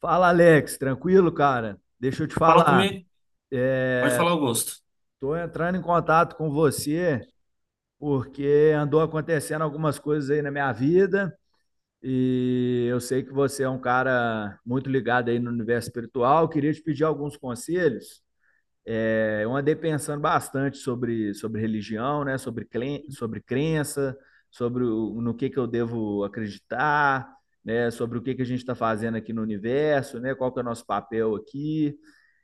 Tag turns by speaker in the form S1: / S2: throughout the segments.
S1: Fala, Alex, tranquilo, cara? Deixa eu te
S2: Fala
S1: falar.
S2: comigo. Pode falar, Augusto.
S1: Tô entrando em contato com você porque andou acontecendo algumas coisas aí na minha vida e eu sei que você é um cara muito ligado aí no universo espiritual. Eu queria te pedir alguns conselhos. Eu andei pensando bastante sobre religião, né? Sobre crença, no que eu devo acreditar, né? Sobre o que que a gente está fazendo aqui no universo, né? Qual que é o nosso papel aqui.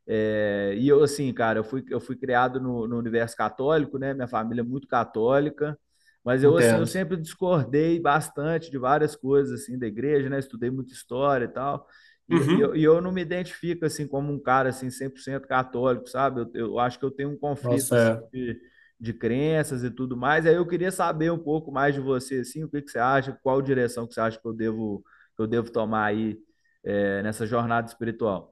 S1: E eu, assim, cara, eu fui criado no universo católico, né? Minha família é muito católica, mas eu, assim, eu
S2: Entendo.
S1: sempre discordei bastante de várias coisas, assim, da igreja, né? Estudei muita história e tal.
S2: Uhum.
S1: E eu não me identifico, assim, como um cara, assim, 100% católico, sabe? Eu acho que eu tenho um conflito,
S2: Nossa,
S1: assim,
S2: fé.
S1: de crenças e tudo mais. Aí eu queria saber um pouco mais de você, assim, o que que você acha, qual direção que você acha que que eu devo tomar aí, nessa jornada espiritual.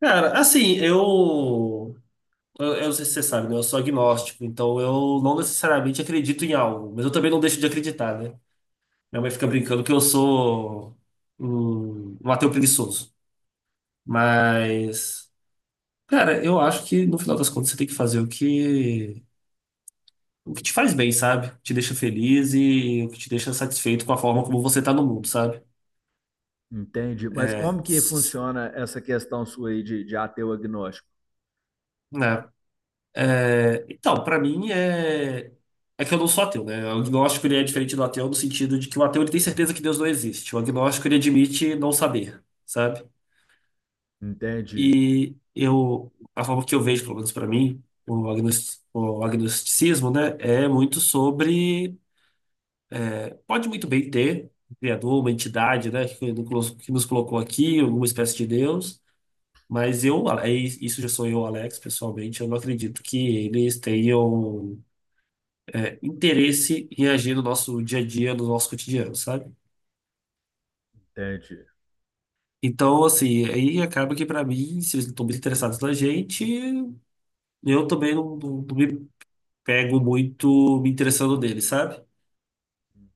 S2: Cara, assim, eu não sei se você sabe, né? Eu sou agnóstico, então eu não necessariamente acredito em algo, mas eu também não deixo de acreditar, né? Minha mãe fica brincando que eu sou um ateu preguiçoso. Mas, cara, eu acho que no final das contas você tem que fazer o que te faz bem, sabe? O que te deixa feliz e o que te deixa satisfeito com a forma como você tá no mundo, sabe?
S1: Entende? Mas como que funciona essa questão sua aí de ateu agnóstico?
S2: Né? É, então, pra mim é que eu não sou ateu, né? O agnóstico ele é diferente do ateu no sentido de que o ateu ele tem certeza que Deus não existe. O agnóstico ele admite não saber, sabe?
S1: Entende?
S2: E eu a forma que eu vejo, pelo menos pra mim, o agnosticismo, né, é muito sobre pode muito bem ter um criador, uma entidade, né, que nos colocou aqui, alguma espécie de Deus. Mas eu, aí, isso já sou eu, Alex, pessoalmente, eu não acredito que eles tenham interesse em agir no nosso dia a dia, no nosso cotidiano, sabe?
S1: Entende?
S2: Então, assim, aí acaba que pra mim, se eles não estão muito interessados na gente, eu também não me pego muito me interessando neles, sabe?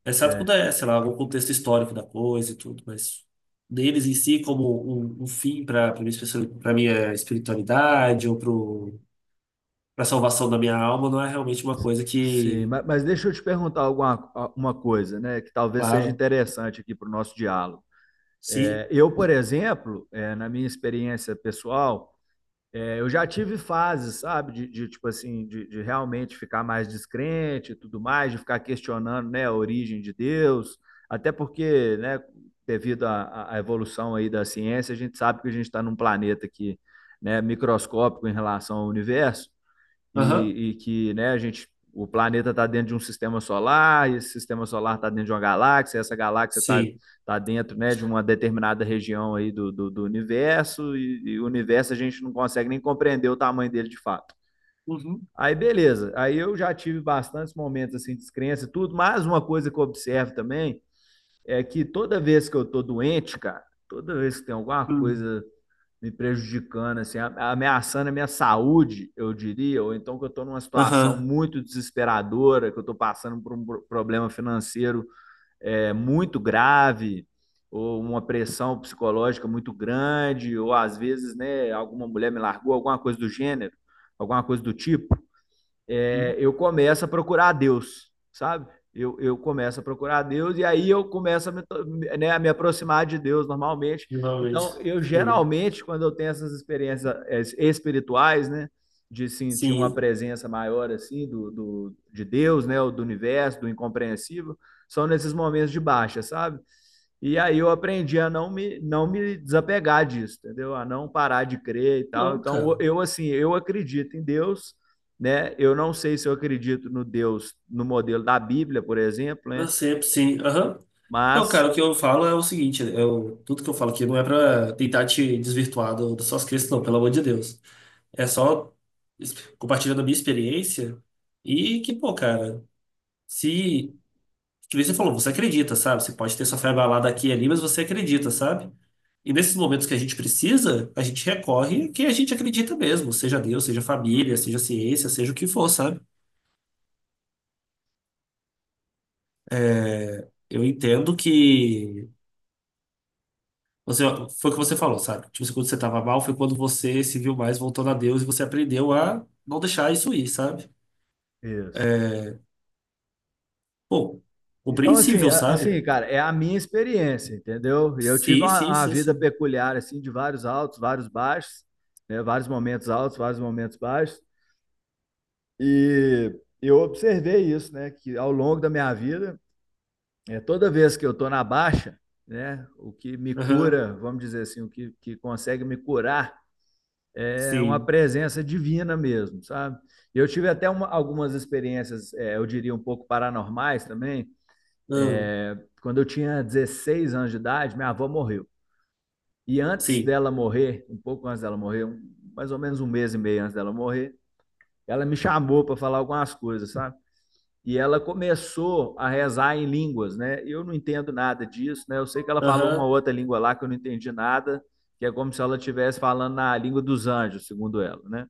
S2: Exceto
S1: É,
S2: quando é, sei lá, algum contexto histórico da coisa e tudo, mas deles em si como um fim para minha espiritualidade ou pra salvação da minha alma, não é realmente uma coisa
S1: Sim,
S2: que...
S1: mas deixa eu te perguntar uma coisa, né, que talvez seja
S2: Claro,
S1: interessante aqui para o nosso diálogo.
S2: sim,
S1: Eu, por exemplo, na minha experiência pessoal, eu já tive fases, sabe, de tipo assim, de, realmente ficar mais descrente e tudo mais, de ficar questionando, né, a origem de Deus, até porque, né, devido à evolução aí da ciência, a gente sabe que a gente está num planeta que, né, microscópico em relação ao universo,
S2: aham,
S1: e que né, a gente, o planeta está dentro de um sistema solar, e esse sistema solar está dentro de uma galáxia, e essa galáxia está
S2: sim,
S1: tá dentro né, de uma determinada região aí do universo, e o universo a gente não consegue nem compreender o tamanho dele de fato.
S2: uhum,
S1: Aí beleza, aí eu já tive bastantes momentos assim de descrença e tudo, mas uma coisa que eu observo também é que toda vez que eu tô doente, cara, toda vez que tem alguma
S2: hum,
S1: coisa me prejudicando, assim, ameaçando a minha saúde, eu diria, ou então que eu estou numa situação
S2: aham.
S1: muito desesperadora, que eu estou passando por um problema financeiro muito grave, ou uma pressão psicológica muito grande, ou às vezes, né, alguma mulher me largou, alguma coisa do gênero, alguma coisa do tipo eu começo a procurar a Deus, sabe? Eu começo a procurar a Deus e aí eu começo né, a me aproximar de Deus normalmente.
S2: Normalmente,
S1: Então, eu
S2: sim.
S1: geralmente, quando eu tenho essas experiências espirituais, né? De sentir uma
S2: Sim.
S1: presença maior, assim, de Deus, né? Ou do universo, do incompreensível, são nesses momentos de baixa, sabe? E aí eu aprendi a não me desapegar disso, entendeu? A não parar de crer e tal.
S2: Não,
S1: Então,
S2: cara.
S1: eu, assim, eu acredito em Deus, né? Eu não sei se eu acredito no Deus no modelo da Bíblia, por exemplo,
S2: Eu
S1: né?
S2: sempre, sim. Aham. Não,
S1: Mas
S2: cara, o que eu falo é o seguinte, eu, tudo que eu falo aqui não é pra tentar te desvirtuar das suas crenças, não, pelo amor de Deus. É só es- compartilhando a minha experiência e que, pô, cara, se, que nem você falou, você acredita, sabe? Você pode ter sua fé abalada aqui e ali, mas você acredita, sabe? E nesses momentos que a gente precisa, a gente recorre a quem a gente acredita mesmo, seja Deus, seja família, seja ciência, seja o que for, sabe? Eu entendo que você foi o que você falou, sabe? Tipo, assim, quando você tava mal, foi quando você se viu mais voltando a Deus e você aprendeu a não deixar isso ir, sabe?
S1: isso.
S2: Pô,
S1: Então assim,
S2: compreensível,
S1: assim,
S2: sabe?
S1: cara, é a minha experiência, entendeu?
S2: Sim, sim,
S1: Uma
S2: sim,
S1: vida
S2: sim.
S1: peculiar assim de vários altos, vários baixos, né? Vários momentos altos, vários momentos baixos e eu observei isso, né? Que ao longo da minha vida, toda vez que eu tô na baixa, né? O que me
S2: Aham,
S1: cura, vamos dizer assim, que consegue me curar é uma
S2: sim.
S1: presença divina mesmo, sabe? Eu tive até uma, algumas experiências, eu diria um pouco paranormais também.
S2: Hum,
S1: É, Quando eu tinha 16 anos de idade, minha avó morreu. E antes
S2: sim.
S1: dela morrer, um pouco antes dela morrer, mais ou menos um mês e meio antes dela morrer, ela me chamou para falar algumas coisas, sabe? E ela começou a rezar em línguas, né? Eu não entendo nada disso, né? Eu sei que ela falou uma
S2: Aham,
S1: outra língua lá que eu não entendi nada, que é como se ela estivesse falando na língua dos anjos, segundo ela, né?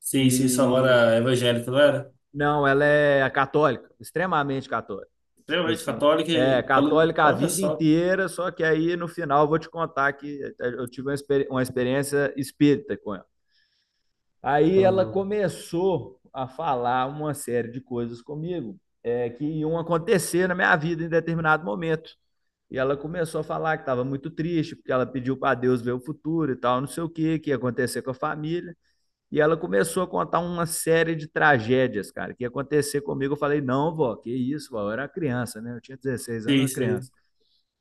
S2: sim, sim. Sua avó
S1: E
S2: era evangélica, não era?
S1: Não, ela é católica, extremamente católica. Tipo
S2: Extremamente
S1: assim,
S2: católica
S1: é
S2: e falando,
S1: católica a
S2: olha
S1: vida
S2: só.
S1: inteira, só que aí no final eu vou te contar que eu tive uma uma experiência espírita com ela. Aí ela
S2: Ah,
S1: começou a falar uma série de coisas comigo, que iam acontecer na minha vida em determinado momento. E ela começou a falar que estava muito triste, porque ela pediu para Deus ver o futuro e tal, não sei o que, que ia acontecer com a família. E ela começou a contar uma série de tragédias, cara, que ia acontecer comigo. Eu falei, não, vó, que isso, vó. Eu era criança, né? Eu tinha 16 anos, eu
S2: sim,
S1: era
S2: sim.
S1: criança.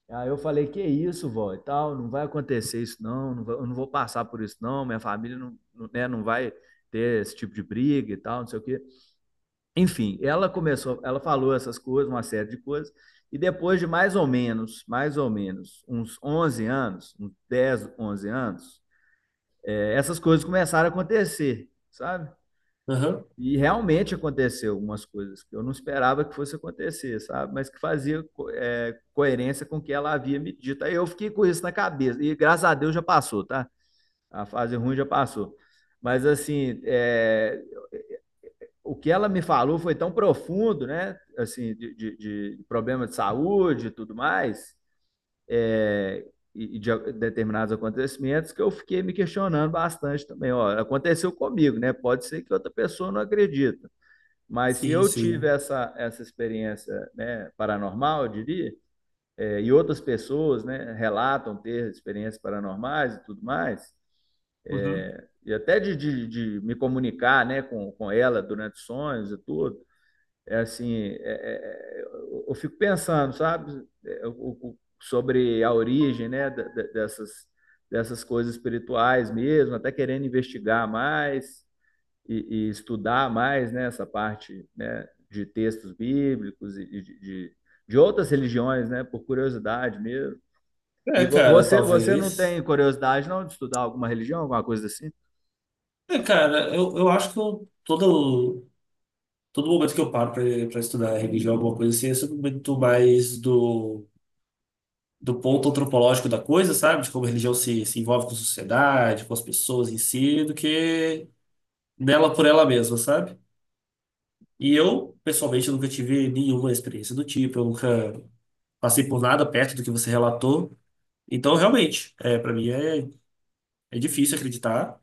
S1: Aí eu falei, que isso, vó, e tal, não vai acontecer isso, não, eu não vou passar por isso, não, minha família não, né, não vai ter esse tipo de briga e tal, não sei o quê. Enfim, ela começou, ela falou essas coisas, uma série de coisas, e depois de mais ou menos, uns 11 anos, uns 10, 11 anos, essas coisas começaram a acontecer, sabe?
S2: Aham,
S1: E realmente aconteceu algumas coisas que eu não esperava que fosse acontecer, sabe? Mas que fazia coerência com o que ela havia me dito. Aí eu fiquei com isso na cabeça. E graças a Deus já passou, tá? A fase ruim já passou. Mas assim, o que ela me falou foi tão profundo, né? Assim, de problema de saúde e tudo mais, é, e de determinados acontecimentos, que eu fiquei me questionando bastante também. Ó, aconteceu comigo, né? Pode ser que outra pessoa não acredite. Mas se
S2: sim,
S1: eu tive
S2: sim.
S1: essa experiência né, paranormal, eu diria, e outras pessoas né, relatam ter experiências paranormais e tudo mais,
S2: Uhum.
S1: e até me comunicar né, com ela durante sonhos e tudo, é assim, é, é, eu fico pensando, sabe, sobre a origem né, dessas, dessas coisas espirituais mesmo, até querendo investigar mais e estudar mais né, essa parte né, de textos bíblicos e de outras religiões, né, por curiosidade mesmo. E
S2: É, cara,
S1: você, você não tem
S2: talvez.
S1: curiosidade não de estudar alguma religião, alguma coisa assim?
S2: É, cara, eu acho que todo momento que eu paro para estudar religião, alguma coisa assim, é sempre muito mais do ponto antropológico da coisa, sabe? De como a religião se envolve com a sociedade, com as pessoas em si, do que nela por ela mesma, sabe? E eu, pessoalmente, eu nunca tive nenhuma experiência do tipo, eu nunca passei por nada perto do que você relatou. Então, realmente, é, para mim é difícil acreditar.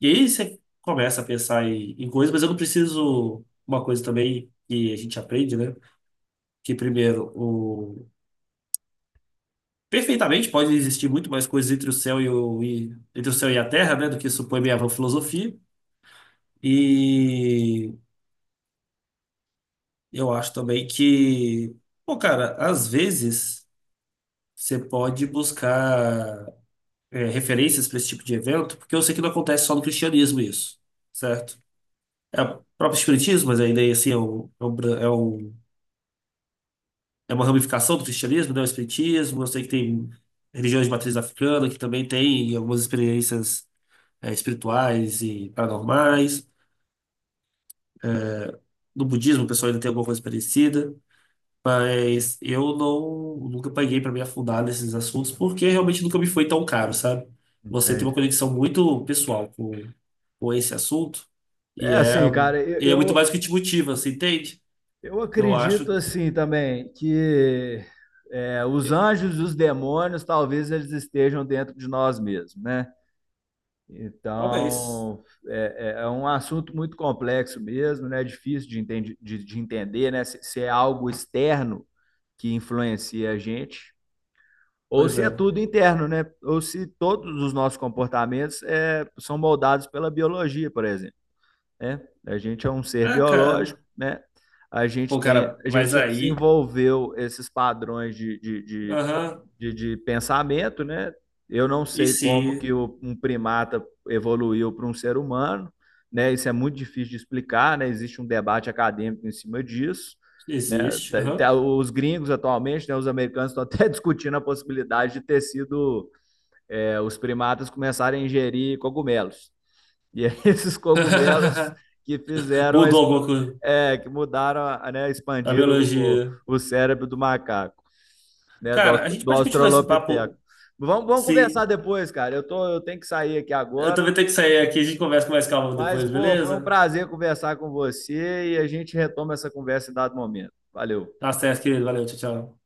S2: E aí você começa a pensar em coisas, mas eu não preciso. Uma coisa também que a gente aprende, né? Que primeiro, o... Perfeitamente, pode existir muito mais coisas entre o céu e a terra, né, do que supõe minha vã filosofia. E eu acho também que, pô, cara, às vezes você pode buscar referências para esse tipo de evento, porque eu sei que não acontece só no cristianismo isso, certo? É o próprio espiritismo, mas ainda assim é uma ramificação do cristianismo, né? O espiritismo, eu sei que tem religiões de matriz africana que também tem algumas experiências espirituais e paranormais. No budismo, o pessoal ainda tem alguma coisa parecida, mas eu não nunca paguei para me afundar nesses assuntos porque realmente nunca me foi tão caro, sabe? Você tem uma
S1: Entende?
S2: conexão muito pessoal com esse assunto
S1: É
S2: e é,
S1: assim, cara,
S2: e é muito mais
S1: eu,
S2: que te motiva, você entende?
S1: eu
S2: Eu acho,
S1: acredito assim também que os anjos e os demônios talvez eles estejam dentro de nós mesmos, né?
S2: talvez.
S1: Então, é um assunto muito complexo mesmo, né? É difícil de, de entender, né? Se é algo externo que influencia a gente, ou
S2: Pois
S1: se é
S2: é.
S1: tudo interno, né? Ou se todos os nossos comportamentos são moldados pela biologia, por exemplo, né? A gente é um ser
S2: Ah,
S1: biológico,
S2: cara.
S1: né? A
S2: Pô,
S1: gente tem,
S2: cara,
S1: a
S2: mas
S1: gente
S2: aí.
S1: desenvolveu esses padrões
S2: Aham.
S1: de pensamento, né? Eu não
S2: E
S1: sei
S2: se
S1: como que um primata evoluiu para um ser humano, né? Isso é muito difícil de explicar, né? Existe um debate acadêmico em cima disso, né?
S2: Existe? Aham.
S1: Os gringos atualmente, né? Os americanos estão até discutindo a possibilidade de ter sido os primatas começarem a ingerir cogumelos. E aí esses cogumelos que fizeram a,
S2: Mudou alguma coisa.
S1: que mudaram, né?
S2: A
S1: Expandiram o
S2: biologia.
S1: o cérebro do macaco né,
S2: Cara, a gente
S1: do
S2: pode continuar esse
S1: Australopiteco.
S2: papo
S1: Vamos conversar
S2: se.
S1: depois, cara. Eu tenho que sair aqui
S2: Eu
S1: agora,
S2: também tenho que sair aqui, a gente conversa com mais calma
S1: mas,
S2: depois,
S1: pô, foi um
S2: beleza?
S1: prazer conversar com você e a gente retoma essa conversa em dado momento. Valeu.
S2: Tá certo, querido. Valeu, tchau, tchau.